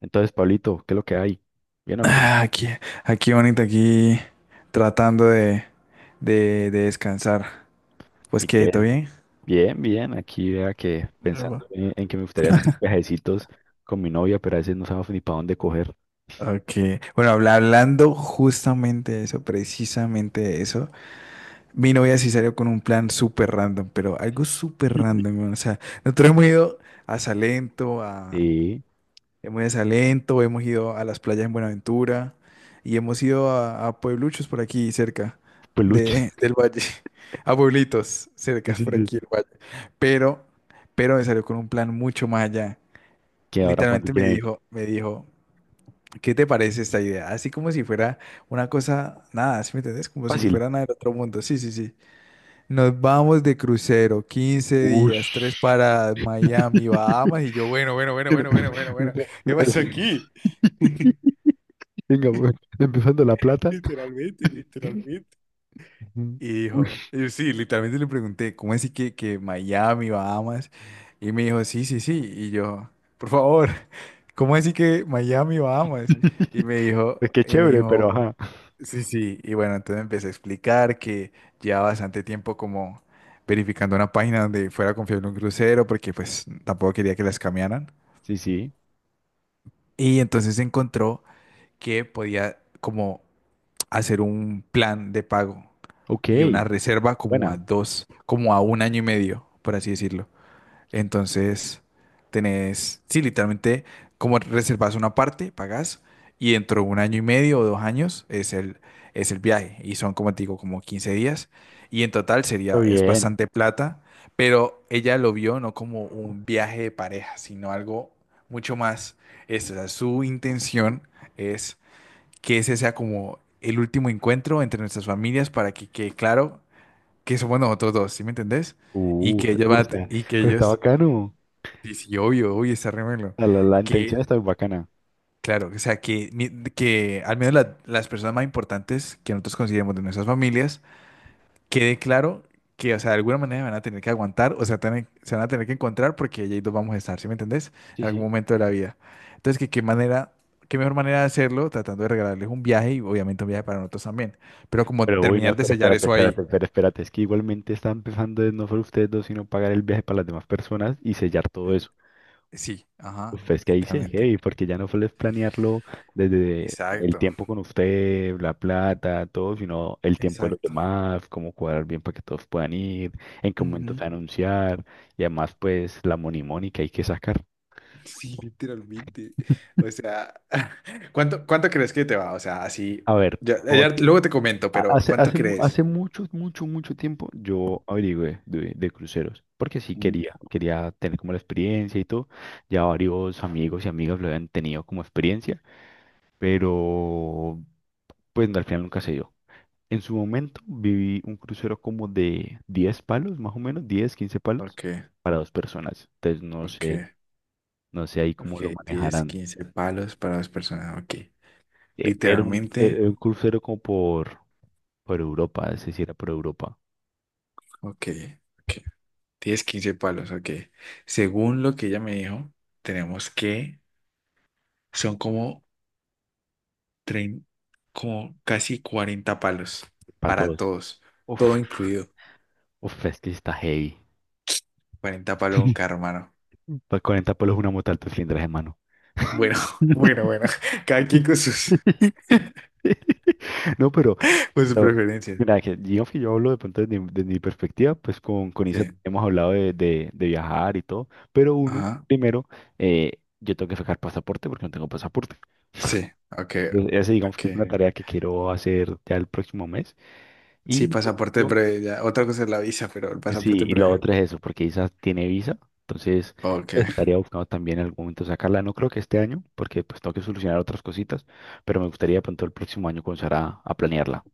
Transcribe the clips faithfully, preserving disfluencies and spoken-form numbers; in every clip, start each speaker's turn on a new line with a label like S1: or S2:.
S1: Entonces, Pablito, ¿qué es lo que hay? ¿Bien o qué?
S2: Ah, aquí, aquí bonito aquí tratando de, de, de descansar. Pues
S1: ¿Y
S2: que, ¿todo
S1: qué?
S2: bien?
S1: Bien, bien. Aquí vea que
S2: Epa.
S1: pensando en, en que me gustaría hacer viajecitos con mi novia, pero a veces no sabemos ni para dónde coger.
S2: Ok. Bueno, habla- hablando justamente de eso, precisamente de eso, mi novia sí salió con un plan súper random, pero algo súper random, weón. O sea, nosotros hemos ido a Salento, a,
S1: Sí,
S2: hemos ido a Salento, hemos ido a las playas en Buenaventura y hemos ido a, a puebluchos por aquí cerca
S1: peluches.
S2: de, del valle, a pueblitos
S1: Sí,
S2: cercas
S1: sí,
S2: por
S1: sí.
S2: aquí del valle. Pero, pero me salió con un plan mucho más allá.
S1: ¿Qué
S2: Y
S1: ahora para dónde
S2: literalmente me
S1: quieren ir?
S2: dijo, me dijo: ¿qué te parece esta idea? Así como si fuera una cosa, nada, ¿sí me entendés? Como si
S1: Fácil.
S2: fuera nada del otro mundo. Sí, sí, sí. Nos vamos de crucero, quince días, tres
S1: Ush.
S2: paradas, Miami, Bahamas. Y yo: bueno, bueno, bueno,
S1: Una-
S2: bueno, bueno, bueno,
S1: una-
S2: bueno, ¿qué pasó
S1: una-
S2: aquí?
S1: Venga, pues, empezando la plata.
S2: Literalmente, literalmente.
S1: Ujú.
S2: Y dijo,
S1: Ush.
S2: y sí, literalmente le pregunté: ¿cómo así que, que Miami, Bahamas? Y me dijo: sí, sí, sí. Y yo: por favor, ¿cómo así que Miami, Bahamas? Y me dijo,
S1: Es que
S2: y me
S1: chévere, pero
S2: dijo:
S1: ajá.
S2: sí, sí. Y bueno, entonces empecé a explicar que llevaba bastante tiempo como verificando una página donde fuera confiable un crucero, porque pues tampoco quería que las cambiaran.
S1: Sí, sí.
S2: Y entonces encontró que podía como hacer un plan de pago
S1: Ok.
S2: y una reserva como a
S1: Buena.
S2: dos, como a un año y medio, por así decirlo. Entonces, tenés, sí, literalmente, como reservas una parte, pagas, y dentro de un año y medio o dos años es el, es el viaje. Y son, como te digo, como quince días. Y en total sería,
S1: Todo
S2: es
S1: bien.
S2: bastante plata, pero ella lo vio no como un viaje de pareja, sino algo mucho más, esto, o sea, su intención es que ese sea como el último encuentro entre nuestras familias para que quede claro que somos nosotros dos, ¿sí me entendés? Y
S1: Uh,
S2: que ellos van
S1: o
S2: a te-
S1: sea,
S2: y que
S1: pero está
S2: ellos.
S1: bacano.
S2: Sí, sí, obvio, obvio, está remelo.
S1: la la, la
S2: Que,
S1: intención está bacana.
S2: claro, o sea, que, ni- que al menos la- las personas más importantes que nosotros consideremos de nuestras familias, quede claro que, o sea, de alguna manera van a tener que aguantar, o sea, tener- se van a tener que encontrar porque ahí dos vamos a estar, ¿sí me entendés?
S1: Sí,
S2: En algún
S1: sí.
S2: momento de la vida. Entonces, que qué manera, qué mejor manera de hacerlo, tratando de regalarles un viaje y obviamente un viaje para nosotros también. Pero como
S1: Pero uy, no,
S2: terminar de
S1: pero
S2: sellar
S1: espérate,
S2: eso
S1: espérate,
S2: ahí.
S1: espérate, espérate. Es que igualmente están empezando en no solo ustedes dos, sino pagar el viaje para las demás personas y sellar todo eso.
S2: Sí, ajá,
S1: Uf, es que ahí sí es
S2: literalmente.
S1: heavy, porque ya no solo es planearlo desde el
S2: Exacto,
S1: tiempo con usted, la plata, todo, sino el tiempo de los
S2: exacto.
S1: demás, cómo cuadrar bien para que todos puedan ir, en qué momento se va a anunciar, y además pues la money money que hay que sacar.
S2: Sí, literalmente. O sea, ¿cuánto, cuánto crees que te va? O sea, así,
S1: A ver,
S2: ya,
S1: no,
S2: ya
S1: a-
S2: luego te comento, pero
S1: Hace,
S2: ¿cuánto
S1: hace, mu- hace
S2: crees?
S1: mucho, mucho, mucho tiempo yo averigüé de, de cruceros, porque sí
S2: Mm,
S1: quería, quería tener como la experiencia y todo. Ya varios amigos y amigas lo habían tenido como experiencia, pero pues no, al final nunca se dio. En su momento viví un crucero como de diez palos, más o menos, diez quince palos
S2: ok,
S1: para dos personas. Entonces no
S2: ok,
S1: sé, no sé ahí cómo lo
S2: ok. diez,
S1: manejarán.
S2: quince palos para dos personas. Ok.
S1: Eh, Era un, eh,
S2: Literalmente.
S1: un crucero como por, por Europa, es decir, era por Europa,
S2: Ok, ok. Diez quince palos. Ok. Según lo que ella me dijo, tenemos que son como, trein- como casi cuarenta palos
S1: para
S2: para
S1: todos.
S2: todos.
S1: Uf.
S2: Todo incluido.
S1: Uf, es que sí está heavy.
S2: Cuarenta palos un carro, hermano.
S1: Para cuarenta palos una moto alto cilindraje, hermano.
S2: Bueno, bueno, bueno. Cada quien con sus,
S1: No, pero,
S2: con sus
S1: pero,
S2: preferencias.
S1: mira, que digamos que yo hablo de pronto desde, mi desde mi perspectiva, pues con, con Isa
S2: Sí.
S1: hemos hablado de, de- de viajar y todo, pero uno,
S2: Ajá.
S1: primero, eh, yo tengo que sacar pasaporte porque no tengo pasaporte.
S2: Sí. Ok.
S1: Entonces, esa digamos que es una,
S2: Ok.
S1: ok, tarea que quiero hacer ya el próximo mes
S2: Sí,
S1: y
S2: pasaporte
S1: yo
S2: breve. Ya. Otra cosa es la visa, pero el
S1: sí,
S2: pasaporte
S1: y lo
S2: breve.
S1: otro es eso, porque Isa tiene visa, entonces
S2: Ok.
S1: estaría buscando también en algún momento sacarla. No creo que este año, porque pues tengo que solucionar otras cositas, pero me gustaría de pronto el próximo año comenzar a, a planearla.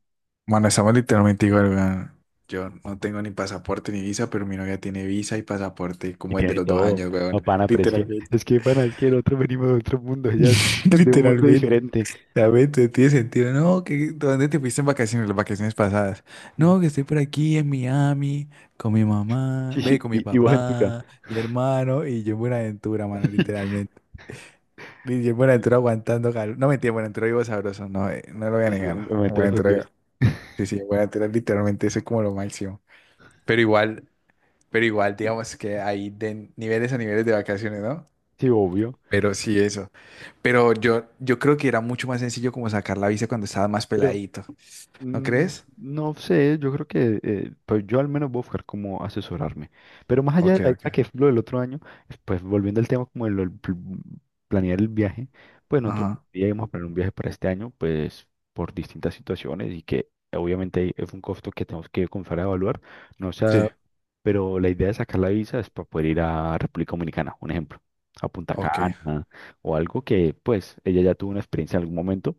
S2: Bueno, estamos literalmente igual, weón. Yo no tengo ni pasaporte ni visa, pero mi novia tiene visa y pasaporte,
S1: Y
S2: como es de
S1: tiene
S2: los dos
S1: todo,
S2: años,
S1: no,
S2: weón.
S1: pana, pero es que,
S2: Literalmente.
S1: es que, pana, es que nosotros venimos de otro mundo, ya es de un mundo
S2: Literalmente.
S1: diferente.
S2: Ya ve, te- tiene sentido. No, que ¿dónde te fuiste en vacaciones, las vacaciones pasadas? No, que estoy por aquí en Miami con mi mamá, ve,
S1: Y,
S2: con mi
S1: y, y vos en tu ca-
S2: papá, mi hermano y yo en Buenaventura, mano, literalmente. Y yo en Buenaventura aguantando calor. No mentira, en Buenaventura vivo sabroso, no, eh, no lo voy a
S1: y sí, en
S2: negar. En
S1: Ventura con Dios.
S2: Buenaventura, sí, sí, en Buenaventura literalmente eso es como lo máximo. Pero igual, pero igual, digamos que hay de niveles a niveles de vacaciones, ¿no?
S1: Sí, obvio,
S2: Pero sí, eso. Pero yo, yo creo que era mucho más sencillo como sacar la visa cuando estaba más
S1: pero,
S2: peladito. ¿No
S1: Mm,
S2: crees?
S1: no sé, yo creo que eh, pues yo al menos voy a buscar cómo asesorarme. Pero más allá de
S2: Ok,
S1: la isla,
S2: ok.
S1: que es lo del otro año, pues volviendo al tema como de lo del pl- planear el viaje, pues nosotros
S2: Ajá.
S1: íbamos a planear un viaje para este año, pues por distintas situaciones y que obviamente es un costo que tenemos que comenzar a evaluar. No sea,
S2: Sí,
S1: pero la idea de sacar la visa es para poder ir a República Dominicana, un ejemplo, a Punta
S2: ok.
S1: Cana o algo que pues ella ya tuvo una experiencia en algún momento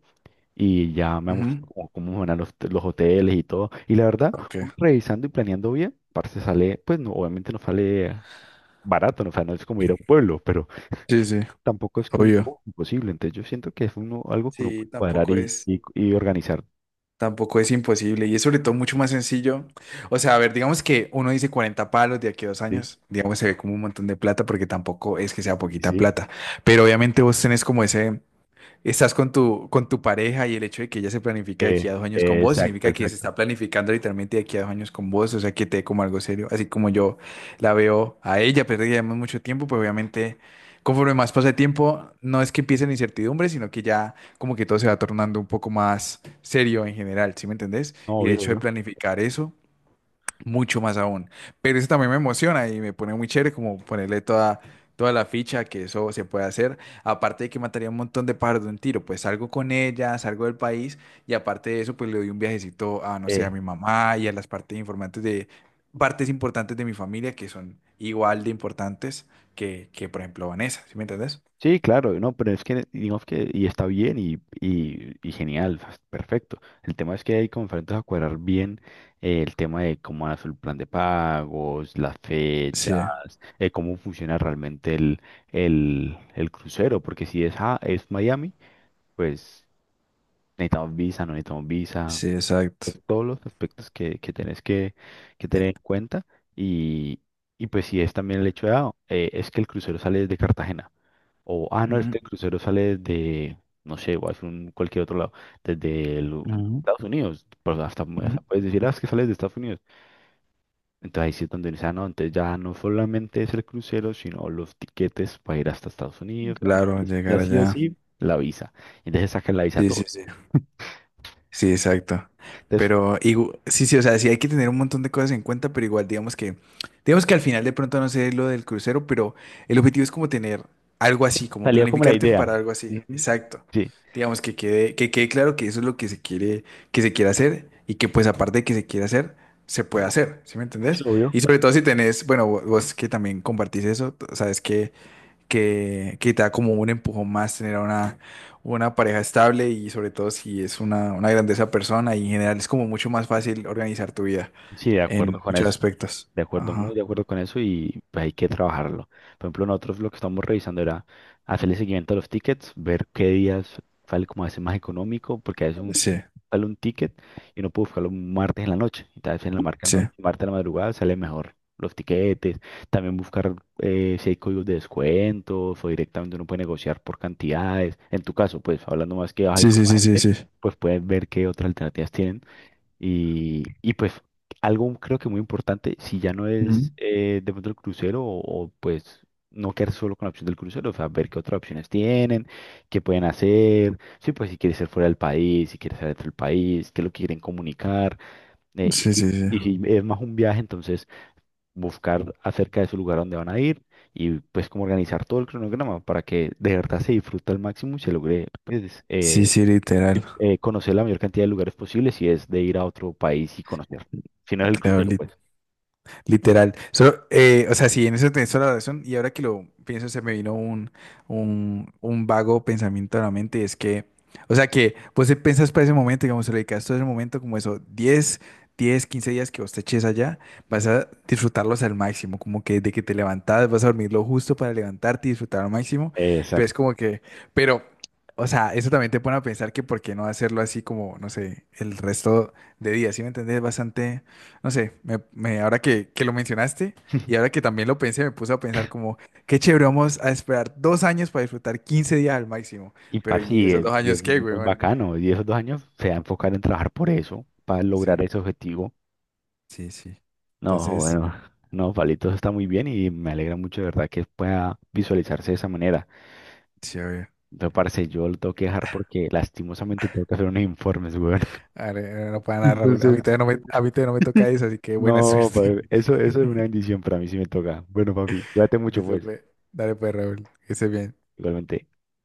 S1: y ya me gustó
S2: Ujú.
S1: como cómo eran los, los hoteles y todo. Y la verdad, uno
S2: Ok.
S1: revisando y planeando bien, parce sale, pues no, obviamente no sale barato, no, o sea, no es como ir a un pueblo, pero
S2: Sí, sí,
S1: tampoco es que un
S2: obvio.
S1: oh, imposible. Entonces yo siento que es uno, algo que uno
S2: Sí,
S1: puede cuadrar
S2: tampoco
S1: y,
S2: es,
S1: y, y organizar.
S2: tampoco es imposible y es sobre todo mucho más sencillo. O sea, a ver, digamos que uno dice cuarenta palos de aquí a dos
S1: Sí,
S2: años, digamos se ve como un montón de plata porque tampoco es que sea
S1: sí,
S2: poquita
S1: sí.
S2: plata, pero obviamente vos tenés como ese, estás con tu, con tu pareja y el hecho de que ella se planifique de
S1: Eh,
S2: aquí a dos años con
S1: eh,
S2: vos
S1: exacto,
S2: significa que se
S1: exacto.
S2: está planificando literalmente de aquí a dos años con vos, o sea, que te dé como algo serio, así como yo la veo a ella, pero ya llevamos mucho tiempo, pues obviamente conforme más pasa el tiempo, no es que empiece la incertidumbre, sino que ya como que todo se va tornando un poco más serio en general, ¿sí me entendés?
S1: No,
S2: Y el
S1: obvio,
S2: hecho de
S1: obvio.
S2: planificar eso mucho más aún. Pero eso también me emociona y me pone muy chévere como ponerle toda, toda la ficha que eso se puede hacer. Aparte de que mataría un montón de pájaros de un tiro, pues salgo con ella, salgo del país y aparte de eso, pues le doy un viajecito a, no sé,
S1: Eh,
S2: a mi mamá y a las partes informantes de, partes importantes de mi familia que son igual de importantes que, que por ejemplo, Vanessa, ¿sí me entendés?
S1: Sí, claro, no, pero es que digamos que y está bien y, y, y genial, o sea, perfecto. El tema es que hay como enfrentas a cuadrar bien, eh, el tema de cómo hacer el plan de pagos, las fechas,
S2: Sí,
S1: eh, cómo funciona realmente el, el, el crucero, porque si es, ah, es Miami, pues necesitamos visa, no necesitamos visa,
S2: sí, exacto.
S1: todos los aspectos que, que tenés que, que
S2: Eh,
S1: tener en cuenta y, y pues si es también el hecho de, ah, eh, es que el crucero sale desde Cartagena. O, ah, no, es que
S2: ujú,
S1: el crucero sale desde, no sé, o hace un- cualquier otro lado, desde el- Estados Unidos, pues hasta,
S2: ujú, ujú.
S1: hasta puedes decir, ah, es que sale de Estados Unidos. Entonces ahí sí es donde dice, ah, no, entonces ya no solamente es el crucero, sino los tiquetes para ir hasta Estados Unidos,
S2: Claro,
S1: y, y
S2: llegar
S1: así o
S2: allá.
S1: así, la visa. Entonces sacan la visa
S2: Sí, sí,
S1: todo.
S2: sí. Sí, exacto.
S1: Entonces
S2: Pero igu- sí, sí, o sea, sí hay que tener un montón de cosas en cuenta, pero igual digamos que, digamos que al final de pronto no sé lo del crucero, pero el objetivo es como tener algo así, como
S1: salió como la
S2: planificarte
S1: idea.
S2: para algo así,
S1: Ujú.
S2: exacto.
S1: Sí,
S2: Digamos que quede, que quede claro que eso es lo que se quiere, que se quiere hacer y que pues aparte de que se quiere hacer, se puede hacer, ¿sí me
S1: sí,
S2: entendés?
S1: obvio.
S2: Y sobre todo si tenés, bueno, vo- vos que también compartís eso, t- sabes que que, que te da como un empujón más tener a una, una pareja estable y sobre todo si es una, una grandeza persona y en general es como mucho más fácil organizar tu vida
S1: Sí, de acuerdo
S2: en
S1: con
S2: muchos
S1: eso.
S2: aspectos.
S1: De acuerdo, muy
S2: Ajá.
S1: de acuerdo con eso y pues, hay que trabajarlo. Por ejemplo, nosotros lo que estamos revisando era hacerle seguimiento a los tickets, ver qué días sale como a veces más económico, porque a veces un,
S2: Sí,
S1: sale un ticket y uno puede buscarlo un martes en la noche, y tal vez en la marca
S2: sí.
S1: noche, martes en la madrugada sale mejor los tiquetes, también buscar, eh, si hay códigos de descuentos o directamente uno puede negociar por cantidades. En tu caso, pues hablando más que vas a ir
S2: Sí,
S1: con
S2: sí,
S1: más
S2: sí, sí,
S1: gente,
S2: sí.
S1: pues puedes ver qué otras alternativas tienen y, y pues algo creo que muy importante, si ya no
S2: Ujú.
S1: es, eh, de pronto el crucero o, o, pues no quedar solo con la opción del crucero, o sea, ver qué otras opciones tienen, qué pueden hacer, sí, pues si quieres ser fuera del país, si quieres ser dentro del país, qué es lo que quieren comunicar, eh,
S2: Sí, sí, sí.
S1: y, y si es más un viaje, entonces buscar acerca de su lugar a donde van a ir y pues como organizar todo el cronograma para que de verdad se disfrute al máximo y se logre pues,
S2: Sí,
S1: eh,
S2: sí, literal.
S1: eh, conocer la mayor cantidad de lugares posibles y es de ir a otro país y conocer. Si no es el
S2: Claro,
S1: crucero, pues.
S2: literal. Solo, eh, o sea, sí, en eso tenés toda la razón. Y ahora que lo pienso, se me vino un, un, un vago pensamiento a la mente. Y es que, o sea, que vos te pensás para ese momento, digamos, se lo dedicas todo ese momento, como eso, diez diez quince días que vos te eches allá, vas
S1: Ujú.
S2: a disfrutarlos al máximo. Como que desde que te levantás, vas a dormir lo justo para levantarte y disfrutar al máximo.
S1: Eh,
S2: Pero es
S1: Exacto.
S2: como que, pero, o sea, eso también te pone a pensar que por qué no hacerlo así como, no sé, el resto de días. ¿Sí me entendés? Bastante. No sé, me, me- ahora que, que lo mencionaste y ahora que también lo pensé, me puse a pensar como, qué chévere, vamos a esperar dos años para disfrutar quince días al máximo.
S1: Y
S2: Pero,
S1: para
S2: ¿y
S1: sí,
S2: esos dos
S1: es, y es
S2: años qué,
S1: muy
S2: güey? Bueno,
S1: bacano. Y esos dos años se va a enfocar en trabajar por eso, para
S2: sí,
S1: lograr ese objetivo.
S2: sí, sí.
S1: No,
S2: Entonces,
S1: bueno, no, Palito, eso está muy bien y me alegra mucho de verdad que pueda visualizarse de esa manera.
S2: chévere.
S1: Pero parce, yo lo tengo que dejar porque lastimosamente tengo que hacer unos informes, weón.
S2: A ver, no para nada, Raúl. A
S1: Entonces,
S2: mí todavía no me, a mí todavía no me toca eso, así que buena
S1: no,
S2: suerte.
S1: pues, eso, eso es una bendición para mí si me toca. Bueno, papi, cuídate mucho,
S2: Listo,
S1: pues,
S2: pues. Dale, pues, Raúl. Que estés bien.
S1: igualmente.